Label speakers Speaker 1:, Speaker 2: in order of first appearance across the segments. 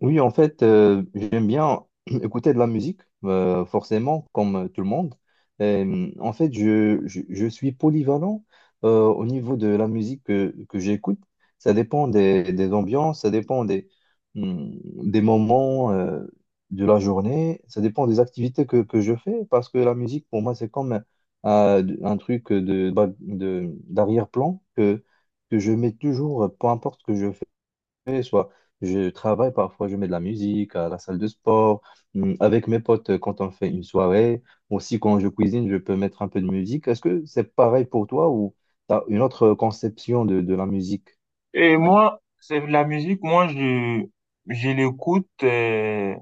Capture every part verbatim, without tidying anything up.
Speaker 1: Oui, en fait, euh, j'aime bien écouter de la musique, euh, forcément, comme euh, tout le monde. Euh, en fait, je, je, je suis polyvalent euh, au niveau de la musique que, que j'écoute. Ça dépend des, des ambiances, ça dépend des, hum, des moments euh, de la journée, ça dépend des activités que, que je fais, parce que la musique, pour moi, c'est comme euh, un truc de, bah, de, d'arrière-plan que, que je mets toujours, peu importe ce que je fais fais, soit je travaille, parfois je mets de la musique à la salle de sport, hum, avec mes potes euh, quand on fait une soirée, aussi quand je cuisine, je peux mettre un peu de musique. Est-ce que c'est pareil pour toi ou tu as une autre conception de, de la musique?
Speaker 2: Et moi, c'est la musique, moi, je, je l'écoute, euh,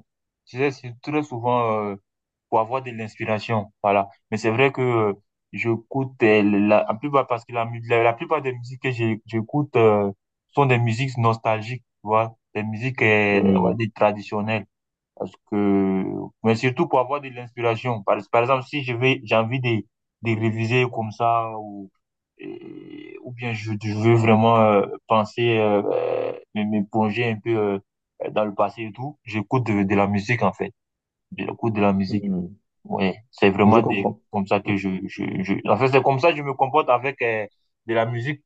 Speaker 2: je sais, c'est très souvent euh, pour avoir de l'inspiration, voilà. Mais c'est vrai que euh, j'écoute euh, la, la plupart, parce que la, mu- la, la plupart des musiques que j'ai- j'écoute euh, sont des musiques nostalgiques, tu vois, des musiques euh, ouais,
Speaker 1: Hum.
Speaker 2: des traditionnelles. Parce que, mais surtout pour avoir de l'inspiration. Par, par exemple, si je vais, j'ai envie de, de réviser comme ça, ou, et- ou bien je, je veux vraiment euh, penser, euh, euh, me, me plonger un peu euh, dans le passé et tout, j'écoute de, de la musique en fait. J'écoute de la musique.
Speaker 1: Hum.
Speaker 2: Ouais, c'est
Speaker 1: Je
Speaker 2: vraiment des,
Speaker 1: comprends.
Speaker 2: comme ça que je, je, je... En fait, c'est comme ça que je me comporte avec euh, de la musique.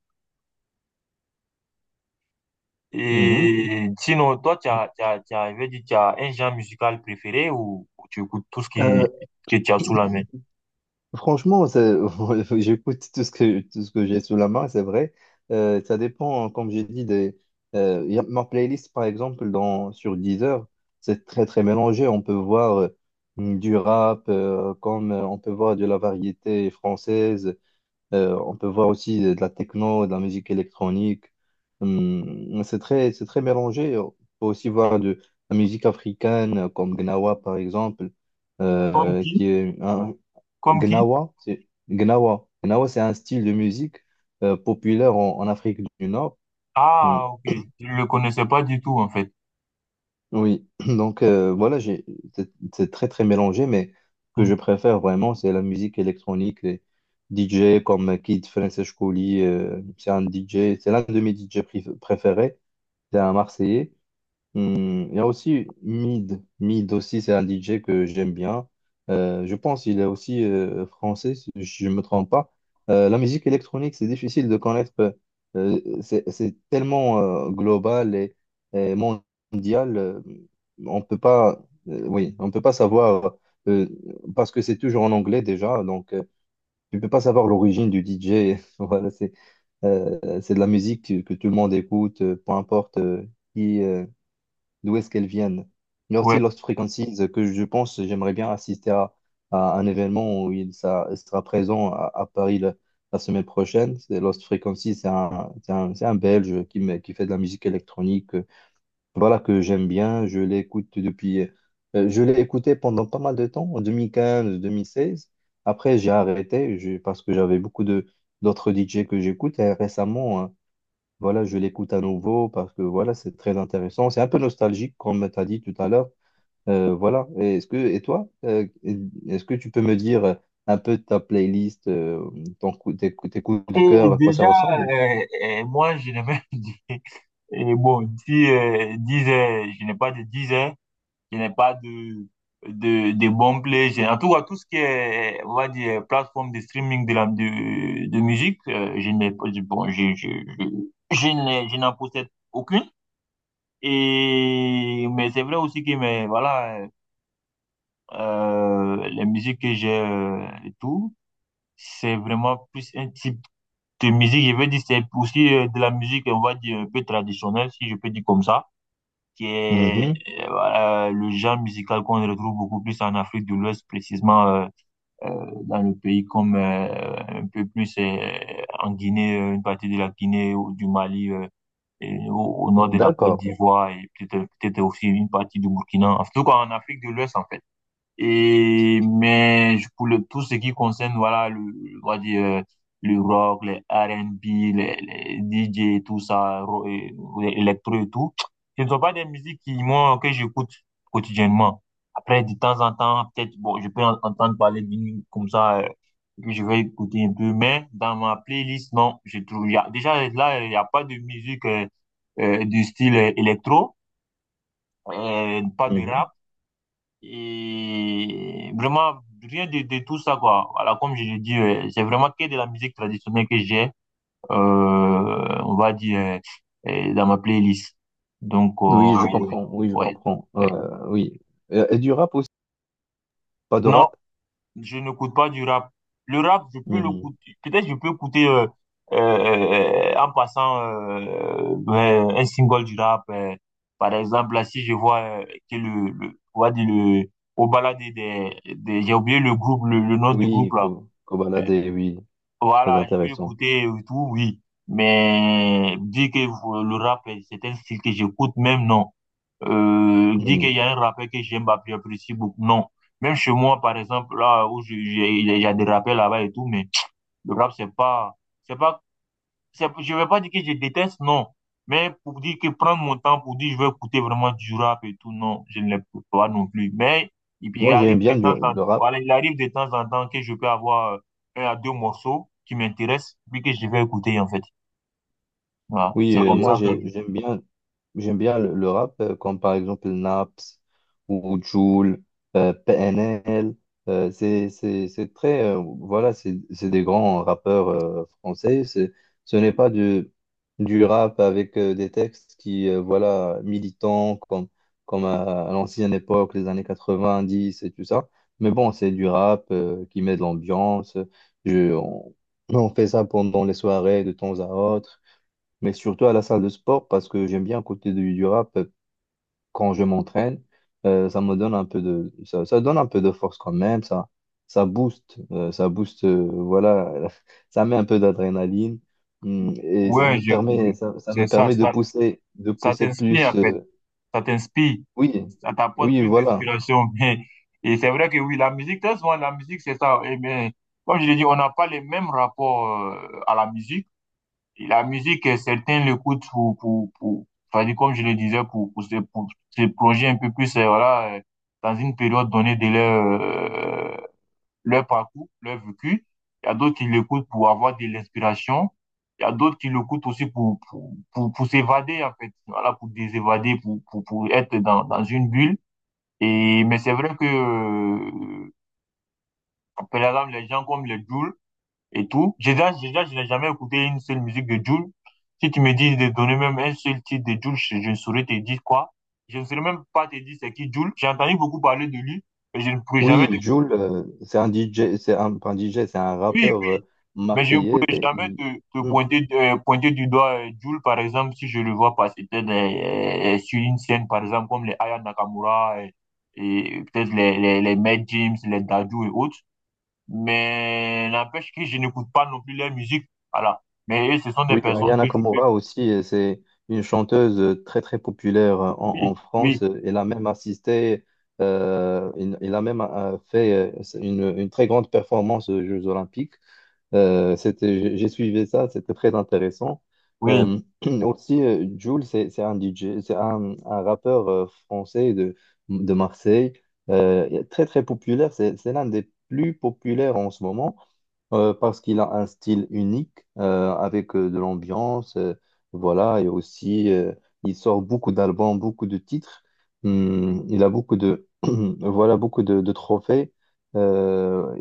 Speaker 1: Mhm.
Speaker 2: Et sinon, toi, tu as, tu as, tu as, je vais dire, tu as un genre musical préféré ou, ou tu écoutes tout ce qui,
Speaker 1: Euh,
Speaker 2: que tu as sous la main?
Speaker 1: Franchement, ça- j'écoute tout ce que, tout ce que j'ai sous la main, c'est vrai. Euh, ça dépend, hein, comme j'ai dit, des, euh, y a- ma playlist, par exemple, dans, sur Deezer, c'est très, très mélangé. On peut voir euh, du rap, euh, comme euh, on peut voir de la variété française, euh, on peut voir aussi de, de la techno, de la musique électronique. Hum, c'est très, c'est très mélangé. On peut aussi voir de la musique africaine, comme Gnawa, par exemple
Speaker 2: Comme
Speaker 1: euh, qui
Speaker 2: qui?
Speaker 1: est un,
Speaker 2: Comme qui?
Speaker 1: Gnawa, c'est Gnawa. Gnawa, c'est un style de musique euh, populaire en, en Afrique du Nord. Mm.
Speaker 2: Ah, ok. Je ne le connaissais pas du tout, en fait.
Speaker 1: Oui, donc euh, voilà, j'ai, c'est c'est très très mélangé, mais ce que
Speaker 2: Hmm.
Speaker 1: je préfère vraiment, c'est la musique électronique, les D J comme Kid Francis Couli, euh, c'est un D J, c'est l'un de mes D J prif- préférés, c'est un Marseillais. Hmm, il y a aussi Mid. Mid aussi, c'est un D J que j'aime bien. Euh, je pense qu'il est aussi euh, français, si je ne me trompe pas. Euh, la musique électronique, c'est difficile de connaître. euh, c'est c'est tellement euh, global et, et mondial. Euh, on peut pas, euh, oui, on peut pas savoir, euh, parce que c'est toujours en anglais déjà, donc euh, tu peux pas savoir l'origine du D J. Voilà, c'est euh, c'est de la musique que, que tout le monde écoute, euh, peu importe euh, qui. Euh, d'où est-ce qu'elles viennent. Il y a aussi
Speaker 2: Ouais.
Speaker 1: Lost Frequencies euh, que je pense, j'aimerais bien assister à, à un événement où il ça- il sera présent à, à Paris la, la semaine prochaine. C'est Lost Frequencies, c'est un, c'est un, c'est un Belge qui, me- qui fait de la musique électronique. euh, Voilà que j'aime bien, je l'écoute depuis, euh, je l'ai écouté pendant pas mal de temps, en deux mille quinze, deux mille seize. Après, j'ai arrêté je- parce que j'avais beaucoup de d'autres D J que j'écoute. Et récemment, voilà, je l'écoute à nouveau parce que voilà, c'est très intéressant. C'est un peu nostalgique, comme tu as dit tout à l'heure. Euh, voilà. Et Est-ce que, et toi, euh, est-ce que tu peux me dire un peu ta playlist, euh, ton coup, tes, coups tes coups de
Speaker 2: Et
Speaker 1: cœur, à quoi ça
Speaker 2: déjà,
Speaker 1: ressemble?
Speaker 2: euh, euh, moi, je n'ai même dit, et bon, si, euh, dix heures, je n'ai pas de dix heures, je n'ai pas de, de, de bons plays. J'ai- En tout cas, tout ce qui est, on va dire, plateforme de streaming de, la, de, de musique, euh, je n'ai pas, je- bon, je, je, je, je n'ai- je n'en possède aucune. Et, mais c'est vrai aussi que, mais voilà, euh, les musiques que j'ai euh, et tout, c'est vraiment plus un type de musique. Je veux dire, c'est aussi euh, de la musique, on va dire, un peu traditionnelle, si je peux dire comme ça. Qui est
Speaker 1: Mhm.
Speaker 2: euh, voilà, le genre musical qu'on retrouve beaucoup plus en Afrique de l'Ouest, précisément euh, euh, dans le pays comme euh, un peu plus euh, en Guinée, euh, une partie de la Guinée ou du Mali. euh, Et au, au nord de la Côte
Speaker 1: D'accord.
Speaker 2: d'Ivoire et peut-être peut-être aussi une partie du Burkina, en tout cas en Afrique de l'Ouest en fait. Et, mais je- pour le, tout ce qui concerne, voilà, le, on va dire, euh, le rock, les R and B, les, les D J tout ça, ro- et- et- électro et tout, ce ne sont pas des musiques qui, moi, que j'écoute quotidiennement. Après, de temps en temps, peut-être, bon, je peux en- entendre parler d'une, comme ça, euh, que je vais écouter un peu, mais dans ma playlist, non, je trouve, il y a, déjà, là, il n'y a pas de musique euh, euh, du style euh, électro, euh, pas de
Speaker 1: Mhm.
Speaker 2: rap, et vraiment, rien de, de tout ça, quoi. Voilà, comme je l'ai dit, euh, c'est vraiment que de la musique traditionnelle que j'ai, euh, on va dire, euh, euh, dans ma playlist. Donc, euh,
Speaker 1: Oui,
Speaker 2: ah
Speaker 1: je
Speaker 2: oui.
Speaker 1: comprends. Oui, je comprends.
Speaker 2: Ouais.
Speaker 1: Euh, oui. Et, et du rap aussi? Pas de
Speaker 2: Non,
Speaker 1: rap?
Speaker 2: je n'écoute pas du rap. Le rap, je peux
Speaker 1: Mhm.
Speaker 2: l'écouter. Peut-être je peux écouter euh, euh, euh, en passant euh, ben, un single du rap. euh. Par exemple, là, si je vois euh, que le, le, on va dire le, au balade des, des, j'ai oublié le groupe, le, le nom du groupe
Speaker 1: Oui,
Speaker 2: là.
Speaker 1: Co-
Speaker 2: Euh,
Speaker 1: Kobalade, oui, très
Speaker 2: voilà, je peux
Speaker 1: intéressant.
Speaker 2: l'écouter et tout, oui. Mais dire que euh, le rap, euh, c'est un style que j'écoute, même non euh, dire qu'il
Speaker 1: Mhm.
Speaker 2: y a un rappel que j'aime, bah, que j'apprécie beaucoup. Non. Même chez moi, par exemple, là où je- j'ai- il y a des rappels là-bas et tout, mais le rap, c'est pas, c'est pas, c'est- je vais pas dire que je déteste, non. Mais pour dire que prendre mon temps pour dire je veux écouter vraiment du rap et tout, non, je ne l'écoute pas non plus. Mais il, il
Speaker 1: Moi,
Speaker 2: arrive
Speaker 1: j'aime bien
Speaker 2: de
Speaker 1: du-
Speaker 2: temps en,
Speaker 1: le rap.
Speaker 2: voilà, il arrive de temps en temps que je peux avoir euh, un à deux morceaux qui m'intéressent, puis que je vais écouter, en fait. Voilà.
Speaker 1: Oui,
Speaker 2: C'est oui,
Speaker 1: euh,
Speaker 2: comme euh,
Speaker 1: moi
Speaker 2: ça que,
Speaker 1: j'ai- j'aime bien j'aime bien le, le rap euh, comme par exemple Naps ou Jul, euh, P N L, euh, c'est c'est c'est très euh, voilà, c'est c'est des grands rappeurs euh, français, c'est ce n'est pas du du rap avec euh, des textes qui euh, voilà militants comme comme à, à l'ancienne époque, les années quatre-vingt-dix et tout ça. Mais bon, c'est du rap euh, qui met de l'ambiance. Je- on, on fait ça pendant les soirées de temps à autre mais surtout à la salle de sport parce que j'aime bien côté du, du rap euh, quand je m'entraîne euh, ça me donne un peu de ça, ça donne un peu de force quand même ça ça booste euh, ça booste euh, voilà ça met un peu d'adrénaline hum, et ça
Speaker 2: ouais,
Speaker 1: me
Speaker 2: je, je-
Speaker 1: permet ça, ça
Speaker 2: c'est
Speaker 1: me
Speaker 2: ça,
Speaker 1: permet de
Speaker 2: ça,
Speaker 1: pousser de
Speaker 2: ça
Speaker 1: pousser
Speaker 2: t'inspire, en
Speaker 1: plus
Speaker 2: fait.
Speaker 1: euh,
Speaker 2: Ça t'inspire,
Speaker 1: Oui,
Speaker 2: ça t'apporte
Speaker 1: oui,
Speaker 2: plus
Speaker 1: voilà.
Speaker 2: d'inspiration. Et c'est vrai que oui, la musique, très souvent, la musique, c'est ça. Et bien, comme je l'ai dit, on n'a pas les mêmes rapports euh, à la musique. Et la musique, euh, certains l'écoutent pour, pour, pour, enfin, comme je le disais, pour, pour, se, pour se plonger un peu plus, euh, voilà, euh, dans une période donnée de leur, euh, leur parcours, leur vécu. Il y a d'autres qui l'écoutent pour avoir de l'inspiration. Il y a d'autres qui l'écoutent aussi pour, pour, pour, pour s'évader, en fait. Voilà, pour désévader, pour, pour, pour être dans, dans une bulle. Et, mais c'est vrai que, euh, par exemple, les gens comme les Jules et tout, j'ai déjà, j'ai déjà, je n'ai jamais écouté une seule musique de Jules. Si tu me dis de donner même un seul titre de Jules, je, je ne saurais te dire quoi. Je ne saurais même pas te dire c'est qui Jules. J'ai entendu beaucoup parler de lui, mais je ne pourrais jamais te...
Speaker 1: Oui,
Speaker 2: dire.
Speaker 1: Jul, euh, c'est un D J, c'est un pas un D J, c'est un
Speaker 2: Oui,
Speaker 1: rappeur
Speaker 2: oui,
Speaker 1: euh,
Speaker 2: mais je ne
Speaker 1: marseillais.
Speaker 2: pourrais jamais
Speaker 1: Il-
Speaker 2: te, te
Speaker 1: hum,
Speaker 2: pointer, euh, pointer du doigt euh, Jul, par exemple, si je le vois passer peut-être euh, euh, sur une scène, par exemple, comme les Aya Nakamura euh, et, peut-être les, les, les Mad James, les Dadju et autres. Mais n'empêche que je n'écoute pas non plus leur musique. Voilà. Mais eux, ce sont des
Speaker 1: Oui,
Speaker 2: personnes
Speaker 1: Aya
Speaker 2: que je peux...
Speaker 1: Nakamura aussi, euh, c'est une chanteuse euh, très très populaire euh, en, en
Speaker 2: Oui, oui,
Speaker 1: France. Euh, Elle a même assisté, euh, elle elle a même euh, fait euh, une, une très grande performance aux Jeux Olympiques. Euh, c'était, j'ai j'ai suivi ça, c'était très intéressant.
Speaker 2: oui,
Speaker 1: Euh, Aussi, euh, Jul, c'est c'est un D J, c'est un, un rappeur euh, français de, de Marseille. Euh, très très populaire. C'est c'est l'un des plus populaires en ce moment. Euh, parce qu'il a un style unique euh, avec euh, de l'ambiance, euh, voilà, et aussi euh, il sort beaucoup d'albums, beaucoup de titres. Hum, il a beaucoup de voilà, beaucoup de, de trophées. Euh,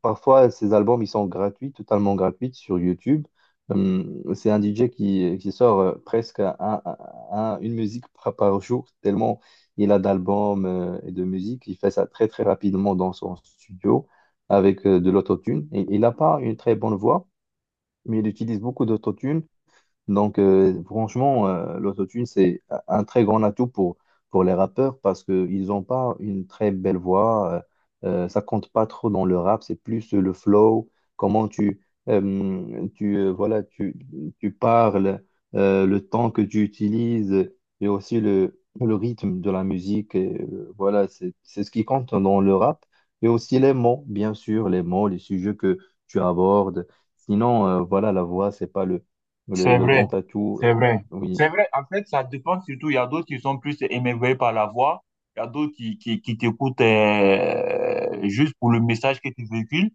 Speaker 1: parfois, ses albums ils sont gratuits, totalement gratuits sur YouTube. Hum, c'est un D J qui, qui sort euh, presque un- un- une musique par, par jour, tellement il a d'albums euh, et de musique. Il fait ça très très rapidement dans son studio avec euh, de l'autotune. Et, il n'a pas une très bonne voix, mais il utilise beaucoup d'autotune donc, euh, franchement, euh, l'autotune, c'est un très grand atout pour, pour les rappeurs parce qu'ils n'ont pas une très belle voix. euh, euh, ça compte pas trop dans le rap, c'est plus le flow, comment tu, euh, tu, euh, voilà, tu, tu parles, euh, le temps que tu utilises et aussi le, le rythme de la musique. Et, euh, voilà, c'est, c'est ce qui compte dans le rap. Et aussi les mots, bien sûr, les mots, les sujets que tu abordes. Sinon, euh, voilà, la voix, c'est pas le le,
Speaker 2: c'est
Speaker 1: le
Speaker 2: vrai.
Speaker 1: grand atout, euh,
Speaker 2: C'est vrai.
Speaker 1: oui.
Speaker 2: C'est vrai. En fait, ça dépend surtout. Il y a d'autres qui sont plus émerveillés par la voix. Il y a d'autres qui, qui, qui t'écoutent euh, juste pour le message que tu véhicules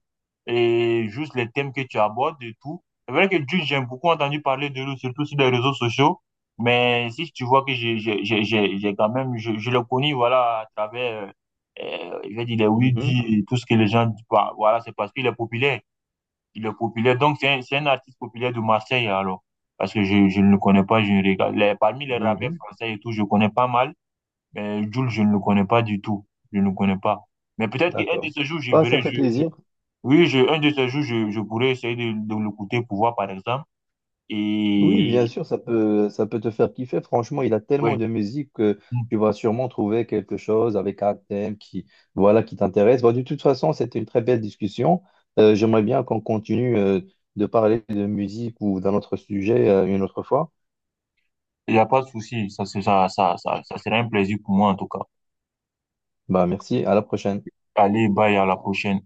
Speaker 2: et juste les thèmes que tu abordes et tout. C'est vrai que Jules, j'ai beaucoup entendu parler de lui, surtout sur les réseaux sociaux. Mais si tu vois que j'ai, j'ai, j'ai, j'ai j'ai quand même, je, je le connais, voilà, à travers, euh, euh, je vais dire, les oui
Speaker 1: Mhm,
Speaker 2: et tout ce que les gens disent. Bah, voilà, c'est parce qu'il est populaire. Il est populaire. Donc, c'est un, c'est un artiste populaire de Marseille, alors. Parce que je, je ne le connais pas, je ne regarde. Les- parmi les rappeurs
Speaker 1: mhm,
Speaker 2: français et tout, je connais pas mal. Mais Jul, je ne le connais pas du tout. Je ne le connais pas. Mais peut-être qu'un de
Speaker 1: d'accord.
Speaker 2: ces jours, je
Speaker 1: Bah, ça
Speaker 2: verrai.
Speaker 1: fait
Speaker 2: Je, je-
Speaker 1: plaisir.
Speaker 2: oui, je, un de ces jours, je, je pourrais essayer de, de l'écouter pour voir, par exemple.
Speaker 1: Oui, bien
Speaker 2: Et
Speaker 1: sûr, ça peut, ça peut te faire kiffer. Franchement, il a tellement
Speaker 2: ouais,
Speaker 1: de musique que
Speaker 2: hmm,
Speaker 1: tu vas sûrement trouver quelque chose avec un thème qui, voilà, qui t'intéresse. Bah, de toute façon, c'était une très belle discussion. Euh, j'aimerais bien qu'on continue, euh, de parler de musique ou d'un autre sujet, euh, une autre fois.
Speaker 2: il n'y a pas de souci. Ça, c'est- ça, ça, ça, ça sera un plaisir pour moi, en tout cas.
Speaker 1: Bah, merci, à la prochaine.
Speaker 2: Allez, bye, à la prochaine.